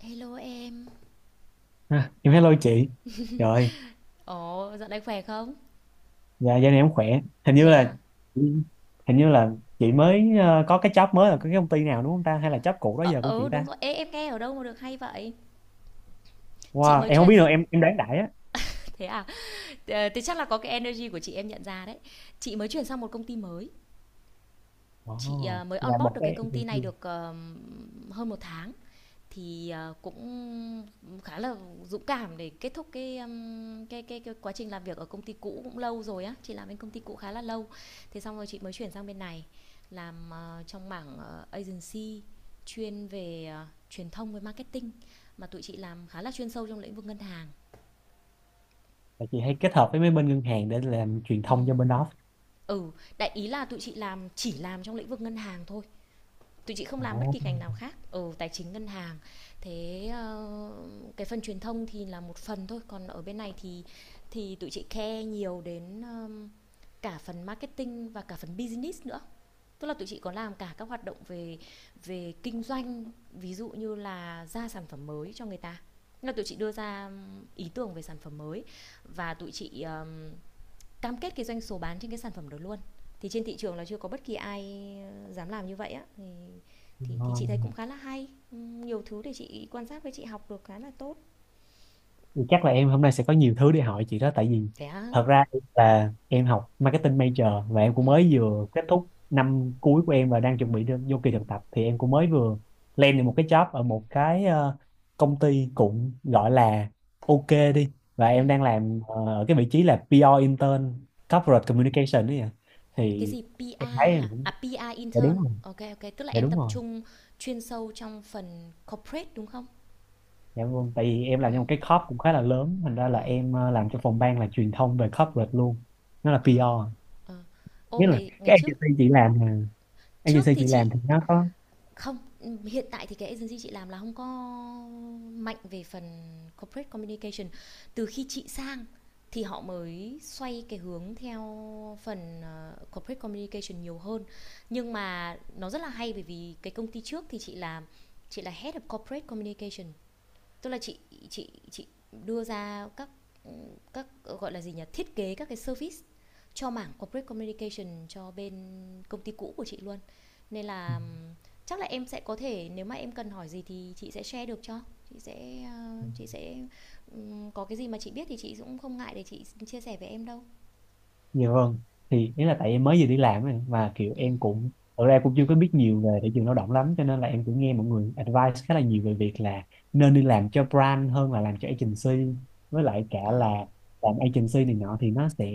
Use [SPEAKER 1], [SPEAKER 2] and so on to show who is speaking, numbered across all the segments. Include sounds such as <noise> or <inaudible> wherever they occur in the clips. [SPEAKER 1] Hello em.
[SPEAKER 2] Ha, em hello chị rồi.
[SPEAKER 1] Ồ, dạo này khỏe không?
[SPEAKER 2] Dạ gia đình em khỏe. hình như
[SPEAKER 1] Nè
[SPEAKER 2] là
[SPEAKER 1] à.
[SPEAKER 2] hình như là chị mới có cái job mới, là cái công ty nào đúng không ta, hay là job cũ đó
[SPEAKER 1] Ờ,
[SPEAKER 2] giờ của
[SPEAKER 1] ừ
[SPEAKER 2] chị
[SPEAKER 1] đúng
[SPEAKER 2] ta?
[SPEAKER 1] rồi. Ê, em nghe ở đâu mà được hay vậy? Chị
[SPEAKER 2] Wow,
[SPEAKER 1] mới
[SPEAKER 2] em không
[SPEAKER 1] chuyển
[SPEAKER 2] biết được,
[SPEAKER 1] sang
[SPEAKER 2] em đoán đại á.
[SPEAKER 1] <laughs> thế à? Thế chắc là có cái energy của chị em nhận ra đấy. Chị mới chuyển sang một công ty mới. Chị
[SPEAKER 2] Ồ,
[SPEAKER 1] mới
[SPEAKER 2] là
[SPEAKER 1] onboard
[SPEAKER 2] một
[SPEAKER 1] được cái
[SPEAKER 2] cái
[SPEAKER 1] công ty này
[SPEAKER 2] agency.
[SPEAKER 1] được hơn một tháng, thì cũng khá là dũng cảm để kết thúc cái quá trình làm việc ở công ty cũ cũng lâu rồi á, chị làm bên công ty cũ khá là lâu, thế xong rồi chị mới chuyển sang bên này làm trong mảng agency, chuyên về truyền thông với marketing, mà tụi chị làm khá là chuyên sâu trong lĩnh vực ngân hàng.
[SPEAKER 2] Là chị hay kết hợp với mấy bên ngân hàng để làm truyền
[SPEAKER 1] Ừ,
[SPEAKER 2] thông cho bên đó?
[SPEAKER 1] ừ. Đại ý là tụi chị chỉ làm trong lĩnh vực ngân hàng thôi, tụi chị không làm bất kỳ ngành nào khác ở tài chính ngân hàng. Thế cái phần truyền thông thì là một phần thôi, còn ở bên này thì tụi chị care nhiều đến cả phần marketing và cả phần business nữa, tức là tụi chị có làm cả các hoạt động về về kinh doanh, ví dụ như là ra sản phẩm mới cho người ta. Nên là tụi chị đưa ra ý tưởng về sản phẩm mới, và tụi chị cam kết cái doanh số bán trên cái sản phẩm đó luôn. Thì trên thị trường là chưa có bất kỳ ai dám làm như vậy á, thì thì,
[SPEAKER 2] Ồ,
[SPEAKER 1] thì chị thấy cũng khá là hay, nhiều thứ để chị quan sát, với chị học được khá là tốt.
[SPEAKER 2] thì chắc là em hôm nay sẽ có nhiều thứ để hỏi chị đó, tại vì
[SPEAKER 1] Thế á.
[SPEAKER 2] thật ra là em học marketing major, và em
[SPEAKER 1] Ừ.
[SPEAKER 2] cũng mới vừa kết thúc năm cuối của em và đang chuẩn bị vô kỳ thực tập. Thì em cũng mới vừa lên được một cái job ở một cái công ty cũng gọi là ok đi, và
[SPEAKER 1] Ừ.
[SPEAKER 2] em đang làm ở cái vị trí là PR intern corporate communication đấy ạ.
[SPEAKER 1] Cái
[SPEAKER 2] Thì
[SPEAKER 1] gì? PR?
[SPEAKER 2] em thấy em
[SPEAKER 1] Hả?
[SPEAKER 2] cũng,
[SPEAKER 1] À, PR
[SPEAKER 2] dạ đúng
[SPEAKER 1] intern,
[SPEAKER 2] rồi,
[SPEAKER 1] ok ok, tức là
[SPEAKER 2] dạ
[SPEAKER 1] em
[SPEAKER 2] đúng
[SPEAKER 1] tập
[SPEAKER 2] rồi.
[SPEAKER 1] trung chuyên sâu trong phần corporate đúng không?
[SPEAKER 2] Dạ vâng, tại vì em làm trong một cái corp cũng khá là lớn, thành ra là
[SPEAKER 1] Ờ.
[SPEAKER 2] em làm cho phòng ban là truyền thông về corporate luôn, nó là
[SPEAKER 1] Ờ.
[SPEAKER 2] PR.
[SPEAKER 1] Ờ. À, à. Ô,
[SPEAKER 2] Nghĩa là
[SPEAKER 1] ngày ngày
[SPEAKER 2] cái
[SPEAKER 1] trước,
[SPEAKER 2] agency chị làm là
[SPEAKER 1] trước
[SPEAKER 2] agency
[SPEAKER 1] thì
[SPEAKER 2] chị
[SPEAKER 1] chị...
[SPEAKER 2] làm thì nó có
[SPEAKER 1] Không, hiện tại thì cái agency chị làm là không có mạnh về phần corporate communication. Từ khi chị sang thì họ mới xoay cái hướng theo phần, corporate communication nhiều hơn. Nhưng mà nó rất là hay, bởi vì cái công ty trước thì chị là Head of Corporate Communication, tức là chị chị đưa ra các gọi là gì nhỉ, thiết kế các cái service cho mảng corporate communication cho bên công ty cũ của chị luôn. Nên là chắc là em sẽ có thể, nếu mà em cần hỏi gì thì chị sẽ share được cho, chị sẽ có cái gì mà chị biết thì chị cũng không ngại để chị chia sẻ với em đâu.
[SPEAKER 2] nhiều hơn. Thì nghĩa là tại em mới vừa đi làm ấy, mà kiểu
[SPEAKER 1] Ừ.
[SPEAKER 2] em cũng thực ra cũng chưa có biết nhiều về thị trường lao động lắm, cho nên là em cũng nghe mọi người advice khá là nhiều về việc là nên đi làm cho brand hơn là làm cho agency, với lại cả
[SPEAKER 1] À.
[SPEAKER 2] là làm agency này nọ thì nó sẽ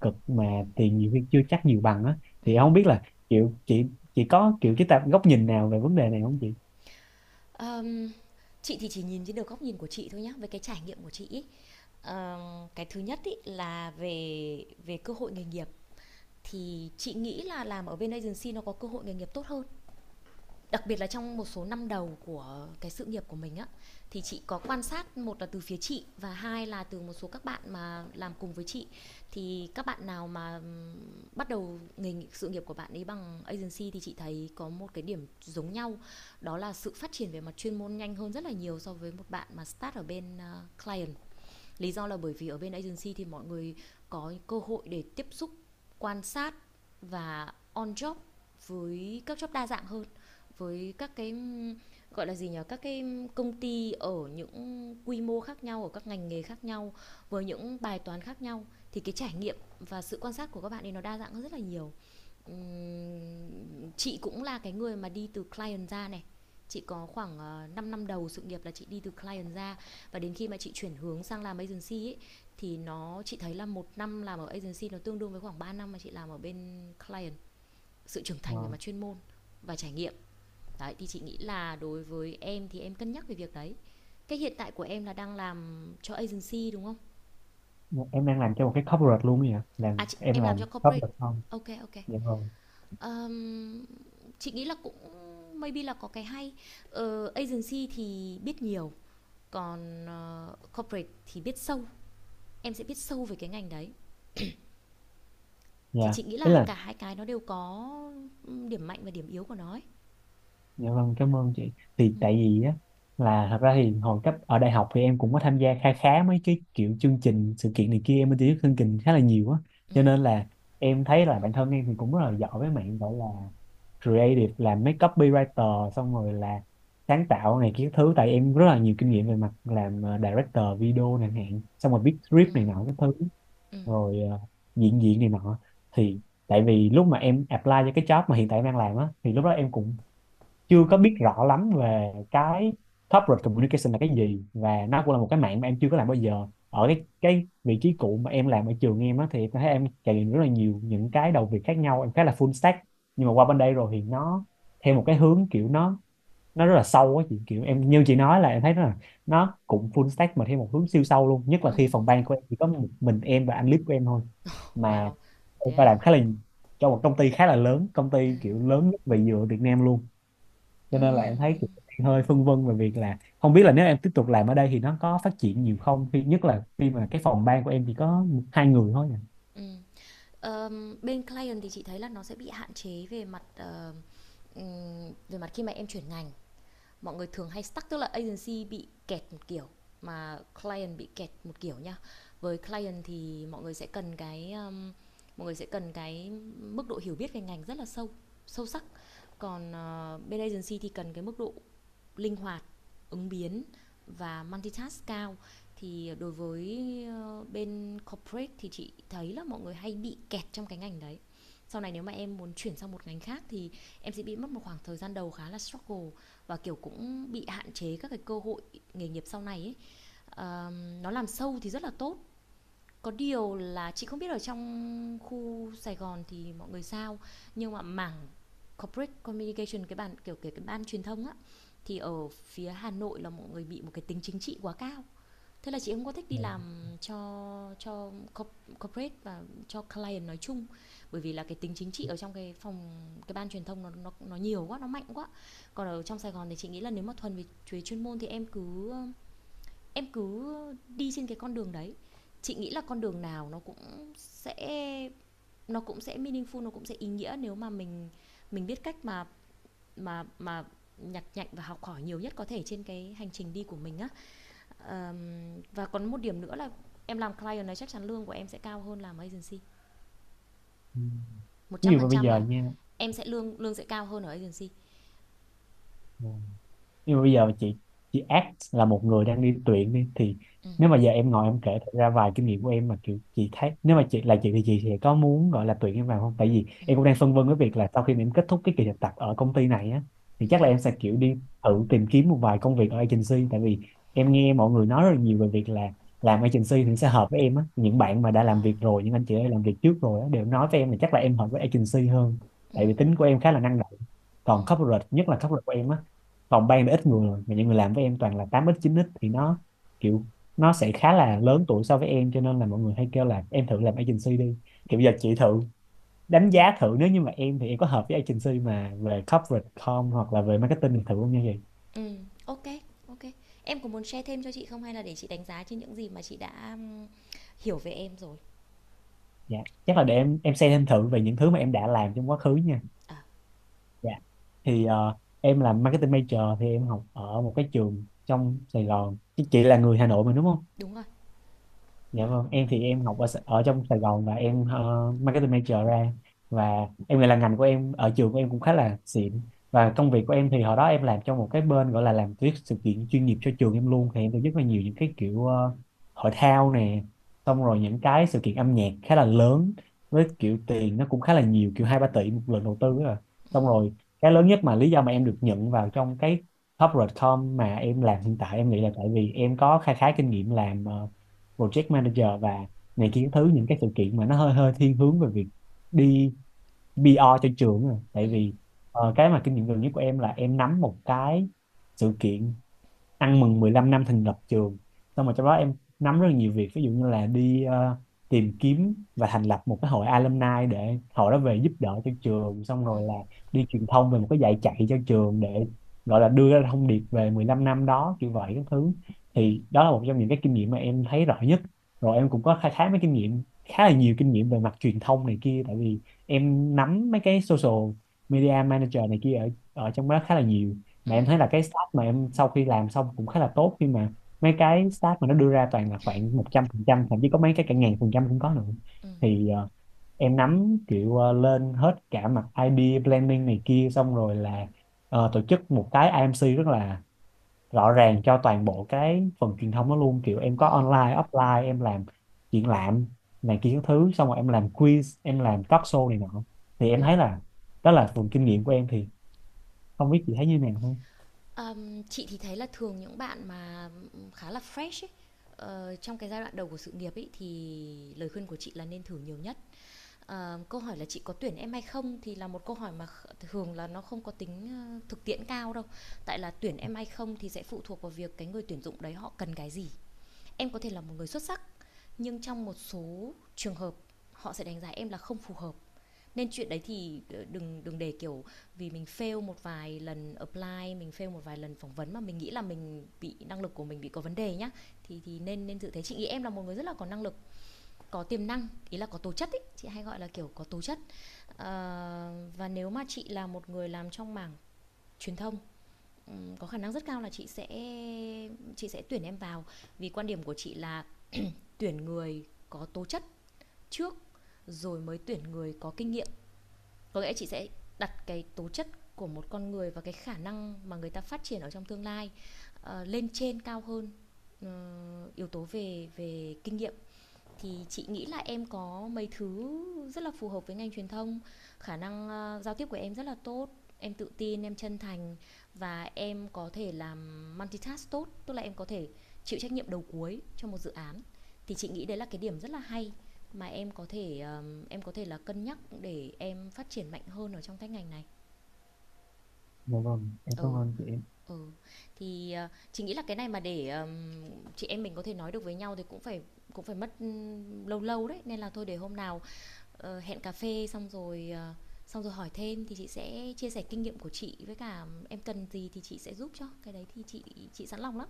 [SPEAKER 2] cực, mà tiền nhiều khi chưa chắc nhiều bằng á. Thì em không biết là kiểu chị có kiểu cái tạp góc nhìn nào về vấn đề này không chị?
[SPEAKER 1] um, chị thì chỉ nhìn trên được góc nhìn của chị thôi nhá, về cái trải nghiệm của chị ý. Cái thứ nhất ý là về về cơ hội nghề nghiệp, thì chị nghĩ là làm ở bên agency nó có cơ hội nghề nghiệp tốt hơn, đặc biệt là trong một số năm đầu của cái sự nghiệp của mình á. Thì chị có quan sát, một là từ phía chị và hai là từ một số các bạn mà làm cùng với chị, thì các bạn nào mà bắt đầu nghề sự nghiệp của bạn ấy bằng agency thì chị thấy có một cái điểm giống nhau, đó là sự phát triển về mặt chuyên môn nhanh hơn rất là nhiều so với một bạn mà start ở bên client. Lý do là bởi vì ở bên agency thì mọi người có cơ hội để tiếp xúc, quan sát và on job với các job đa dạng hơn, với các cái gọi là gì nhỉ, các cái công ty ở những quy mô khác nhau, ở các ngành nghề khác nhau, với những bài toán khác nhau, thì cái trải nghiệm và sự quan sát của các bạn ấy nó đa dạng hơn rất là nhiều. Chị cũng là cái người mà đi từ client ra này. Chị có khoảng 5 năm đầu sự nghiệp là chị đi từ client ra, và đến khi mà chị chuyển hướng sang làm agency ấy thì chị thấy là một năm làm ở agency nó tương đương với khoảng 3 năm mà chị làm ở bên client. Sự trưởng thành về
[SPEAKER 2] Ờ,
[SPEAKER 1] mặt chuyên môn và trải nghiệm. Đấy, thì chị nghĩ là đối với em thì em cân nhắc về việc đấy. Cái hiện tại của em là đang làm cho agency đúng không?
[SPEAKER 2] em đang làm cho một cái corporate luôn ấy hả,
[SPEAKER 1] À
[SPEAKER 2] làm
[SPEAKER 1] chị,
[SPEAKER 2] em
[SPEAKER 1] em làm
[SPEAKER 2] làm
[SPEAKER 1] cho corporate.
[SPEAKER 2] corporate không?
[SPEAKER 1] Ok ok.
[SPEAKER 2] Dạ vâng.
[SPEAKER 1] Ờm, chị nghĩ là cũng maybe là có cái hay, agency thì biết nhiều, còn corporate thì biết sâu, em sẽ biết sâu về cái ngành đấy, thì
[SPEAKER 2] Dạ,
[SPEAKER 1] chị nghĩ
[SPEAKER 2] ý
[SPEAKER 1] là
[SPEAKER 2] là,
[SPEAKER 1] cả hai cái nó đều có điểm mạnh và điểm yếu của nó ấy.
[SPEAKER 2] dạ vâng, cảm ơn chị. Thì tại vì á, là thật ra thì hồi cấp ở đại học thì em cũng có tham gia khá khá mấy cái kiểu chương trình sự kiện này kia, em mới tiếp xúc chương trình khá là nhiều á.
[SPEAKER 1] Ừ,
[SPEAKER 2] Cho nên là em thấy là bản thân em thì cũng rất là giỏi với mạng gọi là creative, làm mấy copywriter, xong rồi là sáng tạo này kia thứ, tại em rất là nhiều kinh nghiệm về mặt làm director video này hạn, xong rồi viết script này nọ cái thứ,
[SPEAKER 1] ừ.
[SPEAKER 2] rồi diễn viên này nọ. Thì tại vì lúc mà em apply cho cái job mà hiện tại em đang làm á, thì lúc đó em cũng chưa có biết rõ lắm về cái corporate communication là cái gì, và nó cũng là một cái mạng mà em chưa có làm bao giờ. Ở cái vị trí cũ mà em làm ở trường em á, thì em thấy em trải nghiệm rất là nhiều những cái đầu việc khác nhau, em khá là full stack. Nhưng mà qua bên đây rồi thì nó theo một cái hướng kiểu nó rất là sâu á chị, kiểu em như chị nói, là em thấy là nó cũng full stack mà theo một hướng siêu sâu luôn, nhất là khi phòng ban của em chỉ có một mình em và anh lead của em thôi, mà
[SPEAKER 1] Wow.
[SPEAKER 2] em
[SPEAKER 1] Thế
[SPEAKER 2] phải
[SPEAKER 1] à,
[SPEAKER 2] làm khá là cho một công ty khá là lớn, công
[SPEAKER 1] à.
[SPEAKER 2] ty kiểu lớn nhất về dừa Việt Nam luôn.
[SPEAKER 1] Ừ,
[SPEAKER 2] Cho nên là em thấy
[SPEAKER 1] ừ,
[SPEAKER 2] kiểu đang hơi phân vân về việc là không biết là nếu em tiếp tục làm ở đây thì nó có phát triển nhiều không, khi nhất là khi mà cái phòng ban của em chỉ có hai người thôi nè.
[SPEAKER 1] ừ. Bên client thì chị thấy là nó sẽ bị hạn chế về mặt khi mà em chuyển ngành, mọi người thường hay stuck, tức là agency bị kẹt một kiểu mà client bị kẹt một kiểu nha. Với client thì mọi người sẽ cần cái mức độ hiểu biết về ngành rất là sâu sâu sắc, còn bên agency thì cần cái mức độ linh hoạt, ứng biến và multitask cao. Thì đối với bên corporate thì chị thấy là mọi người hay bị kẹt trong cái ngành đấy. Sau này nếu mà em muốn chuyển sang một ngành khác thì em sẽ bị mất một khoảng thời gian đầu khá là struggle, và kiểu cũng bị hạn chế các cái cơ hội nghề nghiệp sau này ấy. Nó làm sâu thì rất là tốt, có điều là chị không biết ở trong khu Sài Gòn thì mọi người sao, nhưng mà mảng corporate communication, cái bàn kiểu kể cái ban truyền thông á, thì ở phía Hà Nội là mọi người bị một cái tính chính trị quá cao. Thế là chị không có thích đi làm cho cho corporate và cho client nói chung, bởi vì là cái tính chính trị ở trong cái phòng, cái ban truyền thông nó nhiều quá, nó mạnh quá. Còn ở trong Sài Gòn thì chị nghĩ là nếu mà thuần về chuyên môn thì em cứ đi trên cái con đường đấy, chị nghĩ là con đường nào nó cũng sẽ, nó cũng sẽ meaningful, nó cũng sẽ ý nghĩa nếu mà mình biết cách mà nhặt nhạnh và học hỏi nhiều nhất có thể trên cái hành trình đi của mình á. Và còn một điểm nữa là em làm client này chắc chắn lương của em sẽ cao hơn làm agency,
[SPEAKER 2] Ừ.
[SPEAKER 1] một
[SPEAKER 2] Ví
[SPEAKER 1] trăm
[SPEAKER 2] dụ
[SPEAKER 1] phần
[SPEAKER 2] mà bây
[SPEAKER 1] trăm
[SPEAKER 2] giờ
[SPEAKER 1] là
[SPEAKER 2] nha,
[SPEAKER 1] em sẽ lương lương sẽ cao hơn ở agency.
[SPEAKER 2] nhưng mà bây giờ chị act là một người đang đi tuyển đi, thì
[SPEAKER 1] Ừ,
[SPEAKER 2] nếu mà giờ em ngồi em kể thật ra vài kinh nghiệm của em, mà kiểu chị thấy nếu mà chị là chị thì chị sẽ có muốn gọi là tuyển em vào không. Tại vì
[SPEAKER 1] ừ,
[SPEAKER 2] em cũng đang phân vân với việc là sau khi mà em kết thúc cái kỳ thực tập ở công ty này á, thì
[SPEAKER 1] ừ.
[SPEAKER 2] chắc là em sẽ kiểu đi thử tìm kiếm một vài công việc ở agency. Tại vì em nghe mọi người nói rất là nhiều về việc là làm agency thì sẽ hợp với em á, những bạn mà đã làm
[SPEAKER 1] À.
[SPEAKER 2] việc rồi, những anh chị đã làm việc trước rồi á, đều nói với em là chắc là em hợp với agency hơn, tại vì tính của em khá là năng động.
[SPEAKER 1] Ừ,
[SPEAKER 2] Còn corporate, nhất là corporate của em á, phòng ban thì ít người, mà những người làm với em toàn là tám x chín x, thì nó kiểu nó sẽ khá là lớn tuổi so với em, cho nên là mọi người hay kêu là em thử làm agency đi. Kiểu giờ chị thử đánh giá thử, nếu như mà em thì em có hợp với agency mà về corporate com hoặc là về marketing thì thử không nha chị?
[SPEAKER 1] ừ. Ok ok. Em có muốn share thêm cho chị không, hay là để chị đánh giá trên những gì mà chị đã hiểu về em rồi?
[SPEAKER 2] Dạ, chắc là để em xem thêm thử về những thứ mà em đã làm trong quá khứ nha.
[SPEAKER 1] À,
[SPEAKER 2] Dạ, thì em làm marketing major, thì em học ở một cái trường trong Sài Gòn, chứ chị là người Hà Nội mà đúng không?
[SPEAKER 1] đúng rồi.
[SPEAKER 2] Dạ vâng, em thì em học ở, ở trong Sài Gòn, và em marketing major ra, và em nghĩ là ngành của em ở trường của em cũng khá là xịn. Và công việc của em thì hồi đó em làm trong một cái bên gọi là làm tuyết sự kiện chuyên nghiệp cho trường em luôn, thì em tổ chức rất là nhiều những cái kiểu hội thao nè, xong rồi những cái sự kiện âm nhạc khá là lớn, với kiểu tiền nó cũng khá là nhiều, kiểu 2 3 tỷ một lần đầu tư rồi. Xong rồi cái lớn nhất mà lý do mà em được nhận vào trong cái corporate com mà em làm hiện tại, em nghĩ là tại vì em có khá khá kinh nghiệm làm project manager và này kia thứ, những cái sự kiện mà nó hơi hơi thiên hướng về việc đi PR cho trường rồi.
[SPEAKER 1] Ừ,
[SPEAKER 2] Tại vì cái mà kinh nghiệm gần nhất của em là em nắm một cái sự kiện ăn mừng 15 năm thành lập trường, xong rồi trong đó em nắm rất là nhiều việc, ví dụ như là đi tìm kiếm và thành lập một cái hội alumni để hội đó về giúp đỡ cho trường, xong rồi là đi truyền thông về một cái dạy chạy cho trường để gọi là đưa ra thông điệp về 15 năm đó kiểu vậy các thứ. Thì đó là một trong những cái kinh nghiệm mà em thấy rõ nhất. Rồi em cũng có khai thác mấy kinh nghiệm khá là nhiều kinh nghiệm về mặt truyền thông này kia, tại vì em nắm mấy cái social media manager này kia ở ở trong đó khá là nhiều,
[SPEAKER 1] ừ,
[SPEAKER 2] mà em thấy là cái stat mà em sau khi làm xong cũng khá là tốt, khi mà mấy cái stat mà nó đưa ra toàn là khoảng 100%, thậm chí có mấy cái cả ngàn phần trăm cũng có nữa.
[SPEAKER 1] ừ.
[SPEAKER 2] Thì em nắm kiểu lên hết cả mặt ID planning này kia, xong rồi là tổ chức một cái IMC rất là rõ ràng cho toàn bộ cái phần truyền thông đó luôn, kiểu em có online offline, em làm triển lãm này kia các thứ, xong rồi em làm quiz, em làm talk show này nọ. Thì em thấy là đó là phần kinh nghiệm của em, thì không biết chị thấy như nào ha?
[SPEAKER 1] Chị thì thấy là thường những bạn mà khá là fresh ấy, trong cái giai đoạn đầu của sự nghiệp ấy, thì lời khuyên của chị là nên thử nhiều nhất. Câu hỏi là chị có tuyển em hay không thì là một câu hỏi mà thường là nó không có tính thực tiễn cao đâu. Tại là tuyển em hay không thì sẽ phụ thuộc vào việc cái người tuyển dụng đấy họ cần cái gì. Em có thể là một người xuất sắc nhưng trong một số trường hợp họ sẽ đánh giá em là không phù hợp, nên chuyện đấy thì đừng đừng để kiểu vì mình fail một vài lần apply, mình fail một vài lần phỏng vấn mà mình nghĩ là mình bị, năng lực của mình bị có vấn đề nhá. Thì nên nên tự thấy, chị nghĩ em là một người rất là có năng lực, có tiềm năng, ý là có tố chất ý, chị hay gọi là kiểu có tố chất. Và nếu mà chị là một người làm trong mảng truyền thông, có khả năng rất cao là chị sẽ tuyển em vào, vì quan điểm của chị là tuyển người có tố chất trước, rồi mới tuyển người có kinh nghiệm. Có nghĩa chị sẽ đặt cái tố chất của một con người và cái khả năng mà người ta phát triển ở trong tương lai lên trên cao hơn yếu tố về về kinh nghiệm. Thì chị nghĩ là em có mấy thứ rất là phù hợp với ngành truyền thông. Khả năng giao tiếp của em rất là tốt, em tự tin, em chân thành, và em có thể làm multitask tốt, tức là em có thể chịu trách nhiệm đầu cuối cho một dự án. Thì chị nghĩ đấy là cái điểm rất là hay mà em có thể là cân nhắc để em phát triển mạnh hơn ở trong cái ngành này.
[SPEAKER 2] Dạ vâng, em cảm
[SPEAKER 1] Ừ,
[SPEAKER 2] ơn chị.
[SPEAKER 1] ừ. Thì, chị nghĩ là cái này mà để, chị em mình có thể nói được với nhau thì cũng phải, cũng phải mất, lâu lâu đấy, nên là thôi để hôm nào hẹn cà phê xong rồi xong rồi hỏi thêm, thì chị sẽ chia sẻ kinh nghiệm của chị, với cả em cần gì thì chị sẽ giúp cho cái đấy, thì chị sẵn lòng lắm.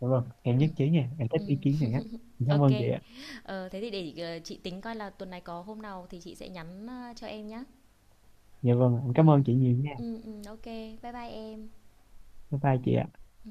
[SPEAKER 2] Dạ vâng, em
[SPEAKER 1] Ừ,
[SPEAKER 2] nhất trí nha, em thích
[SPEAKER 1] ừ.
[SPEAKER 2] ý kiến này á. Em cảm
[SPEAKER 1] Ok.
[SPEAKER 2] ơn chị ạ.
[SPEAKER 1] Thế thì để chị tính coi là tuần này có hôm nào thì chị sẽ nhắn cho em nhá.
[SPEAKER 2] Dạ vâng, em
[SPEAKER 1] Ừ.
[SPEAKER 2] cảm ơn chị nhiều nha.
[SPEAKER 1] Ừ, ừ, ok bye bye em.
[SPEAKER 2] Bye bye chị ạ.
[SPEAKER 1] Ừ.